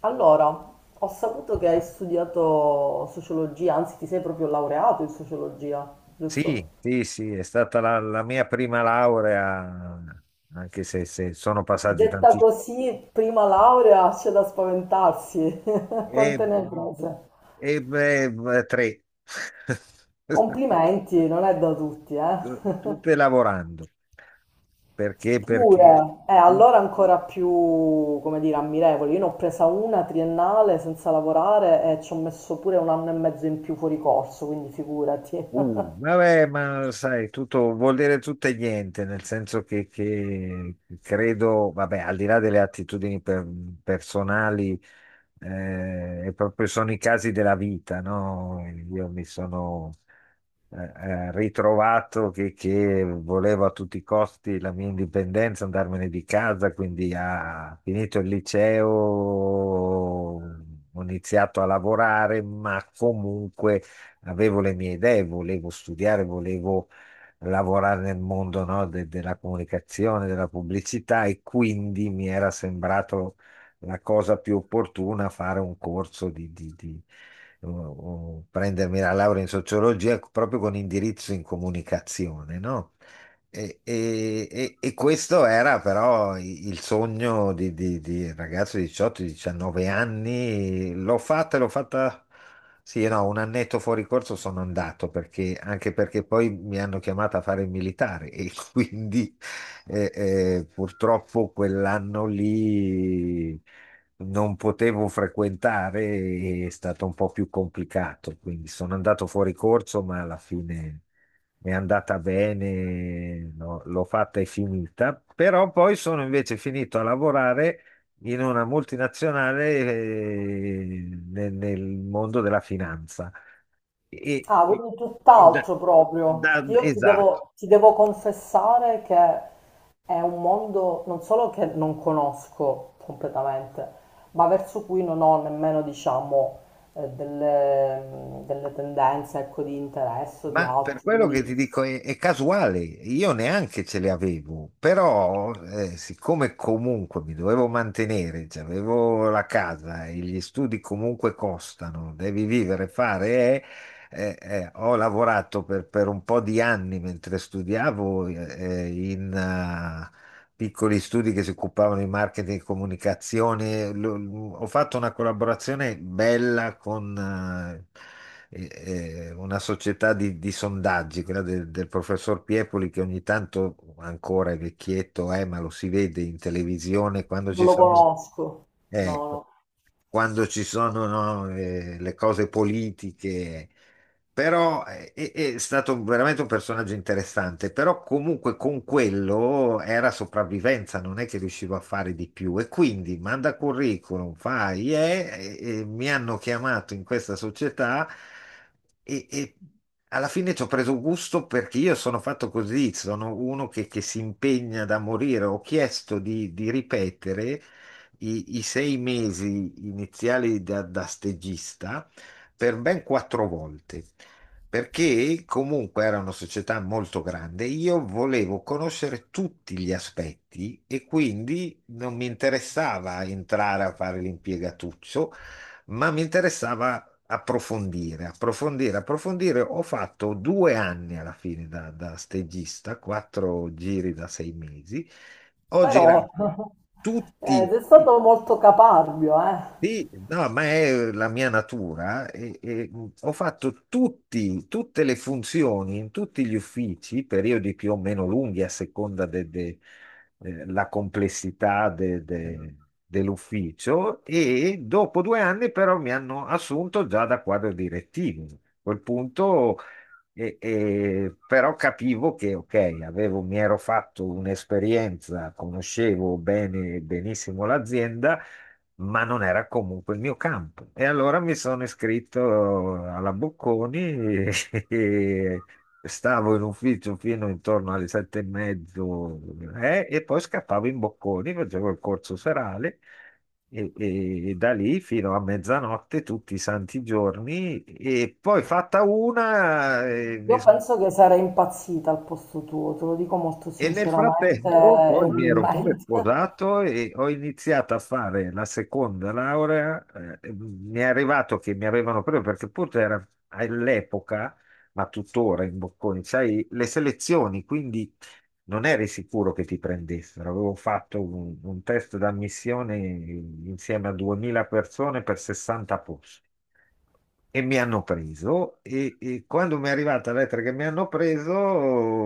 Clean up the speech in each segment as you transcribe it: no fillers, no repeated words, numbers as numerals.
Allora, ho saputo che hai studiato sociologia, anzi ti sei proprio laureato in sociologia, giusto? Sì, sì, sì, è stata la mia prima laurea, anche se sono passati Detta tanti. così, prima laurea, c'è da spaventarsi. E, Quante ne hai prese? beh, tre, Complimenti, non è da tutti, eh? tutte lavorando, perché... Pure, allora ancora più, come dire, ammirevole. Io ne ho presa una triennale senza lavorare e ci ho messo pure un anno e mezzo in più fuori corso, quindi figurati. Vabbè, ma sai, tutto vuol dire tutto e niente, nel senso che credo, vabbè, al di là delle attitudini personali, proprio sono i casi della vita, no? Io mi sono eh, ritrovato che volevo a tutti i costi la mia indipendenza, andarmene di casa, quindi ha finito il liceo, ho iniziato a lavorare, ma comunque avevo le mie idee, volevo studiare, volevo lavorare nel mondo, no, della comunicazione, della pubblicità, e quindi mi era sembrato la cosa più opportuna fare un corso o- o prendermi la laurea in sociologia proprio con indirizzo in comunicazione, no? E questo era però il sogno di, di ragazzo di 18-19 anni. L'ho fatta, sì, no, un annetto fuori corso sono andato perché, anche perché poi mi hanno chiamato a fare il militare, e quindi purtroppo quell'anno lì non potevo frequentare, e è stato un po' più complicato, quindi sono andato fuori corso, ma alla fine è andata bene, no, l'ho fatta e finita, però poi sono invece finito a lavorare in una multinazionale, nel, nel mondo della finanza. E, Ah, e- quindi e da- tutt'altro proprio. Io ti esatto. devo, ti devo confessare che è un mondo non solo che non conosco completamente, ma verso cui non ho nemmeno, diciamo, delle, delle tendenze, ecco, di interesse o di Ma per altro, quello che quindi ti dico è casuale, io neanche ce le avevo, però siccome comunque mi dovevo mantenere, cioè avevo la casa e gli studi comunque costano, devi vivere, fare, ho lavorato per un po' di anni mentre studiavo, in piccoli studi che si occupavano di marketing e comunicazione. Ho fatto una collaborazione bella con una società di sondaggi, quella del, del professor Piepoli, che ogni tanto ancora, è vecchietto, ma lo si vede in televisione quando non ci lo sono. conosco. No, Ecco, no. quando ci sono, no, le cose politiche. Però è stato veramente un personaggio interessante, però comunque con quello era sopravvivenza, non è che riuscivo a fare di più. E quindi manda curriculum, fai, e mi hanno chiamato in questa società e, e alla fine ci ho preso gusto perché io sono fatto così, sono uno che si impegna da morire. Ho chiesto di ripetere i sei mesi iniziali da, da stagista per ben quattro volte, perché comunque era una società molto grande, io volevo conoscere tutti gli aspetti e quindi non mi interessava entrare a fare l'impiegatuccio, ma mi interessava... Approfondire, approfondire, approfondire. Ho fatto due anni alla fine da, da stagista, quattro giri da sei mesi, ho girato Però tutti, sei tutti, stato molto caparbio, eh. sì, no, ma è la mia natura. E ho fatto tutti, tutte le funzioni in tutti gli uffici, periodi più o meno lunghi a seconda della complessità dell'ufficio. E dopo due anni, però, mi hanno assunto già da quadro direttivo, a quel punto. Però capivo che, ok, avevo, mi ero fatto un'esperienza, conoscevo bene, benissimo l'azienda, ma non era comunque il mio campo. E allora mi sono iscritto alla Bocconi, e e stavo in ufficio fino intorno alle sette e mezzo, e poi scappavo in Bocconi, facevo il corso serale. E da lì fino a mezzanotte tutti i santi giorni, e poi fatta una mi Io penso che sarei impazzita al posto tuo, te lo dico molto e nel sinceramente frattempo e poi mi ero pure umilmente. sposato e ho iniziato a fare la seconda laurea. Mi è arrivato che mi avevano preso perché pure era all'epoca, ma tuttora in Bocconi, sai, le selezioni, quindi non eri sicuro che ti prendessero. Avevo fatto un test d'ammissione insieme a 2000 persone per 60, e mi hanno preso, e quando mi è arrivata la lettera che mi hanno preso,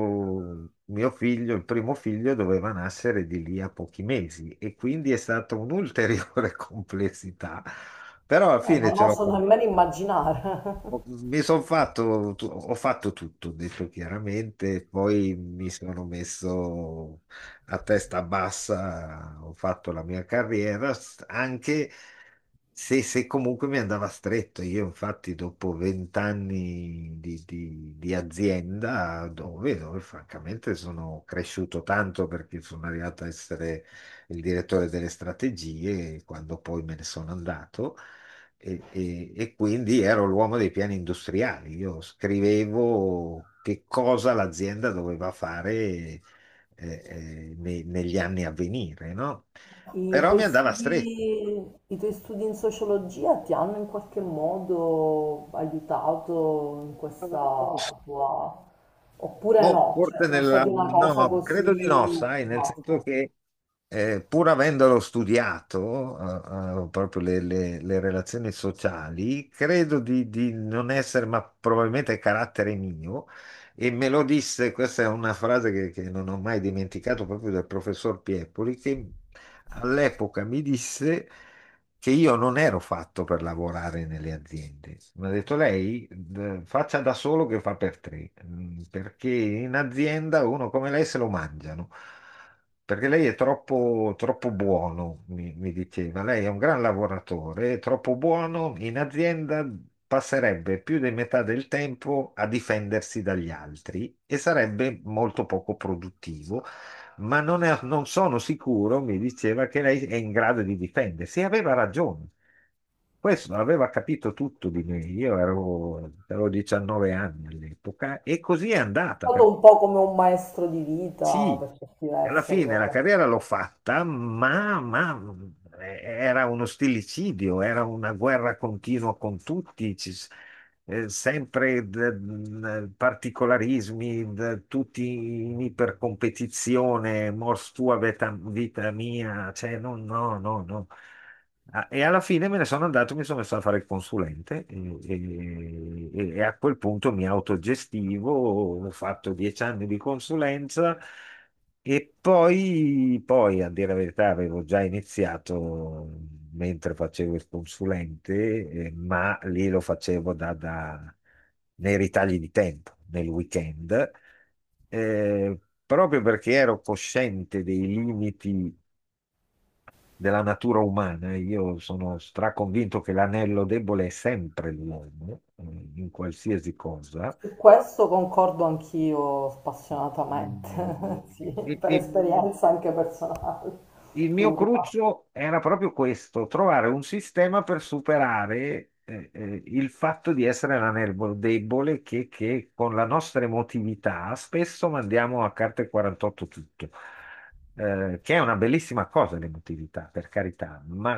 mio figlio, il primo figlio, doveva nascere di lì a pochi mesi, e quindi è stata un'ulteriore complessità. Però alla fine non ce l'ho oso fatta. nemmeno immaginare. Mi sono fatto, ho fatto tutto, ho detto chiaramente, poi mi sono messo a testa bassa, ho fatto la mia carriera, anche se comunque mi andava stretto. Io infatti dopo vent'anni di azienda, dove, dove francamente sono cresciuto tanto perché sono arrivato a essere il direttore delle strategie, quando poi me ne sono andato. E quindi ero l'uomo dei piani industriali. Io scrivevo che cosa l'azienda doveva fare negli anni a venire, no? I Però tuoi mi andava stretto. studi, i tuoi studi in sociologia ti hanno in qualche modo aiutato in questa tua... oppure Boh, no? Cioè, forse sono nella... stati una cosa No, così... credo di no, sai, nel senso basta. che pur avendolo studiato, proprio le, le relazioni sociali, credo di non essere, ma probabilmente è carattere mio, e me lo disse, questa è una frase che non ho mai dimenticato proprio dal professor Piepoli, che all'epoca mi disse che io non ero fatto per lavorare nelle aziende. Mi ha detto: lei, faccia da solo che fa per tre, mm, perché in azienda uno come lei se lo mangiano, perché lei è troppo, troppo buono, mi diceva, lei è un gran lavoratore, è troppo buono, in azienda passerebbe più di metà del tempo a difendersi dagli altri e sarebbe molto poco produttivo. Ma non, non sono sicuro, mi diceva che lei è in grado di difendersi. E aveva ragione. Questo aveva capito tutto di me. Io ero, avevo 19 anni all'epoca e così è È andata. stato Perché un po' come un maestro di vita sì, per certi alla versi fine la allora. carriera l'ho fatta, ma era uno stillicidio, era una guerra continua con tutti. Sempre particolarismi, tutti in ipercompetizione, mors tua vita mia, cioè no, no, no, no. E alla fine me ne sono andato, mi sono messo a fare il consulente, e a quel punto mi autogestivo, ho fatto dieci anni di consulenza, e poi, poi, a dire la verità, avevo già iniziato mentre facevo il consulente, ma lì lo facevo nei ritagli di tempo, nel weekend, eh, proprio perché ero cosciente dei limiti della natura umana. Io sono straconvinto che l'anello debole è sempre l'uomo, in qualsiasi cosa. Su questo concordo anch'io spassionatamente, sì, E, per e- esperienza anche personale, Il mio plurima. cruccio era proprio questo, trovare un sistema per superare il fatto di essere la nervo debole che con la nostra emotività spesso mandiamo a carte 48 tutto. Che è una bellissima cosa l'emotività, per carità, ma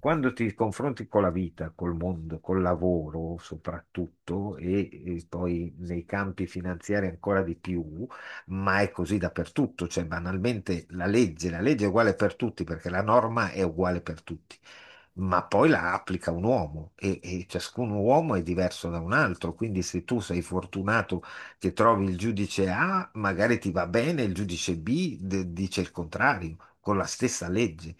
quando ti confronti con la vita, col mondo, col lavoro soprattutto, e poi nei campi finanziari ancora di più, ma è così dappertutto, cioè banalmente la legge è uguale per tutti perché la norma è uguale per tutti, ma poi la applica un uomo, e ciascun uomo è diverso da un altro, quindi se tu sei fortunato che trovi il giudice A, magari ti va bene, il giudice B dice il contrario, con la stessa legge.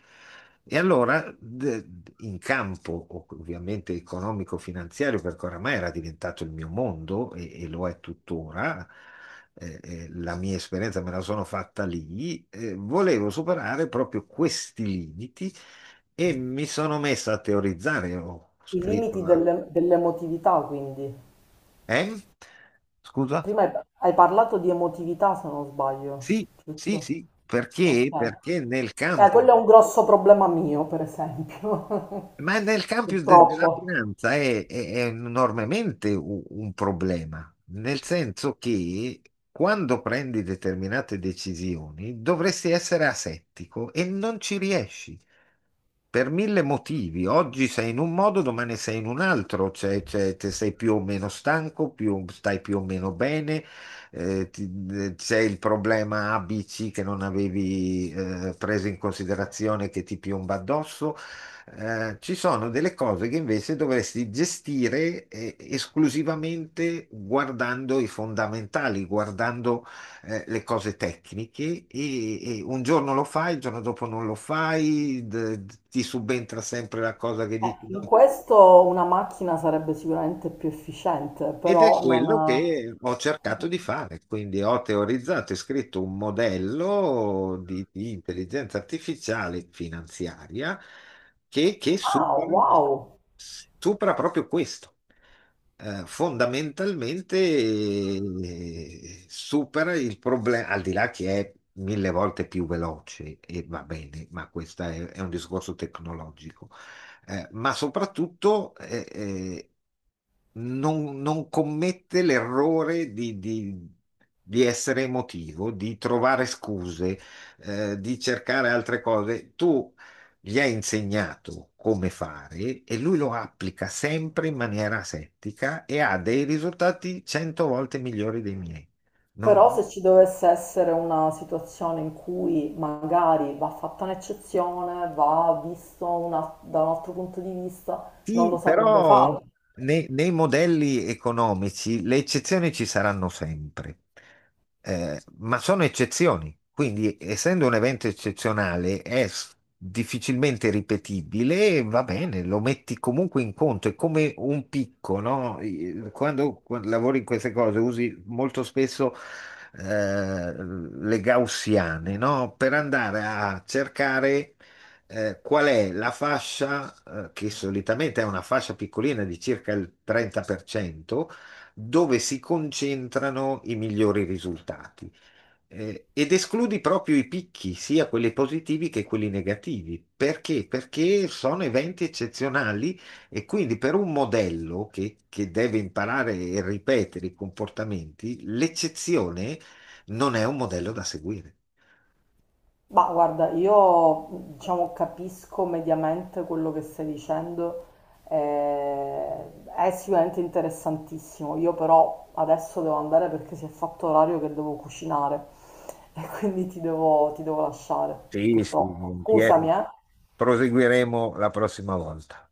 E allora, in campo ovviamente economico-finanziario, perché oramai era diventato il mio mondo, e lo è tuttora, la mia esperienza me la sono fatta lì, volevo superare proprio questi limiti, e mi sono messo a teorizzare, ho I scritto limiti la... delle- dell'emotività, quindi. Eh? Scusa? Prima hai parlato di emotività, se non sbaglio, Sì, sì, giusto? sì, Ok. perché? Perché nel campo Quello è un grosso problema mio, per esempio, Ma nel campo della purtroppo. finanza è enormemente un problema, nel senso che quando prendi determinate decisioni dovresti essere asettico e non ci riesci per mille motivi. Oggi sei in un modo, domani sei in un altro, cioè, te sei più o meno stanco, stai più o meno bene, c'è il problema ABC che non avevi preso in considerazione, che ti piomba addosso. Ci sono delle cose che invece dovresti gestire esclusivamente guardando i fondamentali, guardando le cose tecniche, e un giorno lo fai, il giorno dopo non lo fai, ti subentra sempre la cosa che dici no. In questo una macchina sarebbe sicuramente più efficiente, Ed è però non... quello ha- che ho cercato di fare, quindi ho teorizzato e scritto un modello di intelligenza artificiale finanziaria che, che Ah, supera wow! supera proprio questo. Fondamentalmente supera il problema, al di là che è mille volte più veloce e va bene, ma questo è un discorso tecnologico. Ma soprattutto non, non commette l'errore di essere emotivo, di trovare scuse, di cercare altre cose. Tu gli ha insegnato come fare e lui lo applica sempre in maniera asettica e ha dei risultati cento volte migliori dei miei. No? Però se ci dovesse essere una situazione in cui magari va fatta un'eccezione, va visto una- da un altro punto di vista, non lo Sì, saprebbe però fare. Nei modelli economici le eccezioni ci saranno sempre. Ma sono eccezioni, quindi essendo un evento eccezionale è difficilmente ripetibile, e va bene, lo metti comunque in conto, è come un picco, no? Quando, quando lavori in queste cose usi molto spesso le gaussiane, no? Per andare a cercare qual è la fascia, che solitamente è una fascia piccolina di circa il 30%, dove si concentrano i migliori risultati. Ed escludi proprio i picchi, sia quelli positivi che quelli negativi. Perché? Perché sono eventi eccezionali, e quindi per un modello che deve imparare e ripetere i comportamenti, l'eccezione non è un modello da seguire. Ma guarda, io diciamo capisco mediamente quello che stai dicendo, è sicuramente interessantissimo. Io però adesso devo andare perché si è fatto orario che devo cucinare e quindi ti devo lasciare, Sì, sì, purtroppo. volentieri. Scusami, eh. Proseguiremo la prossima volta.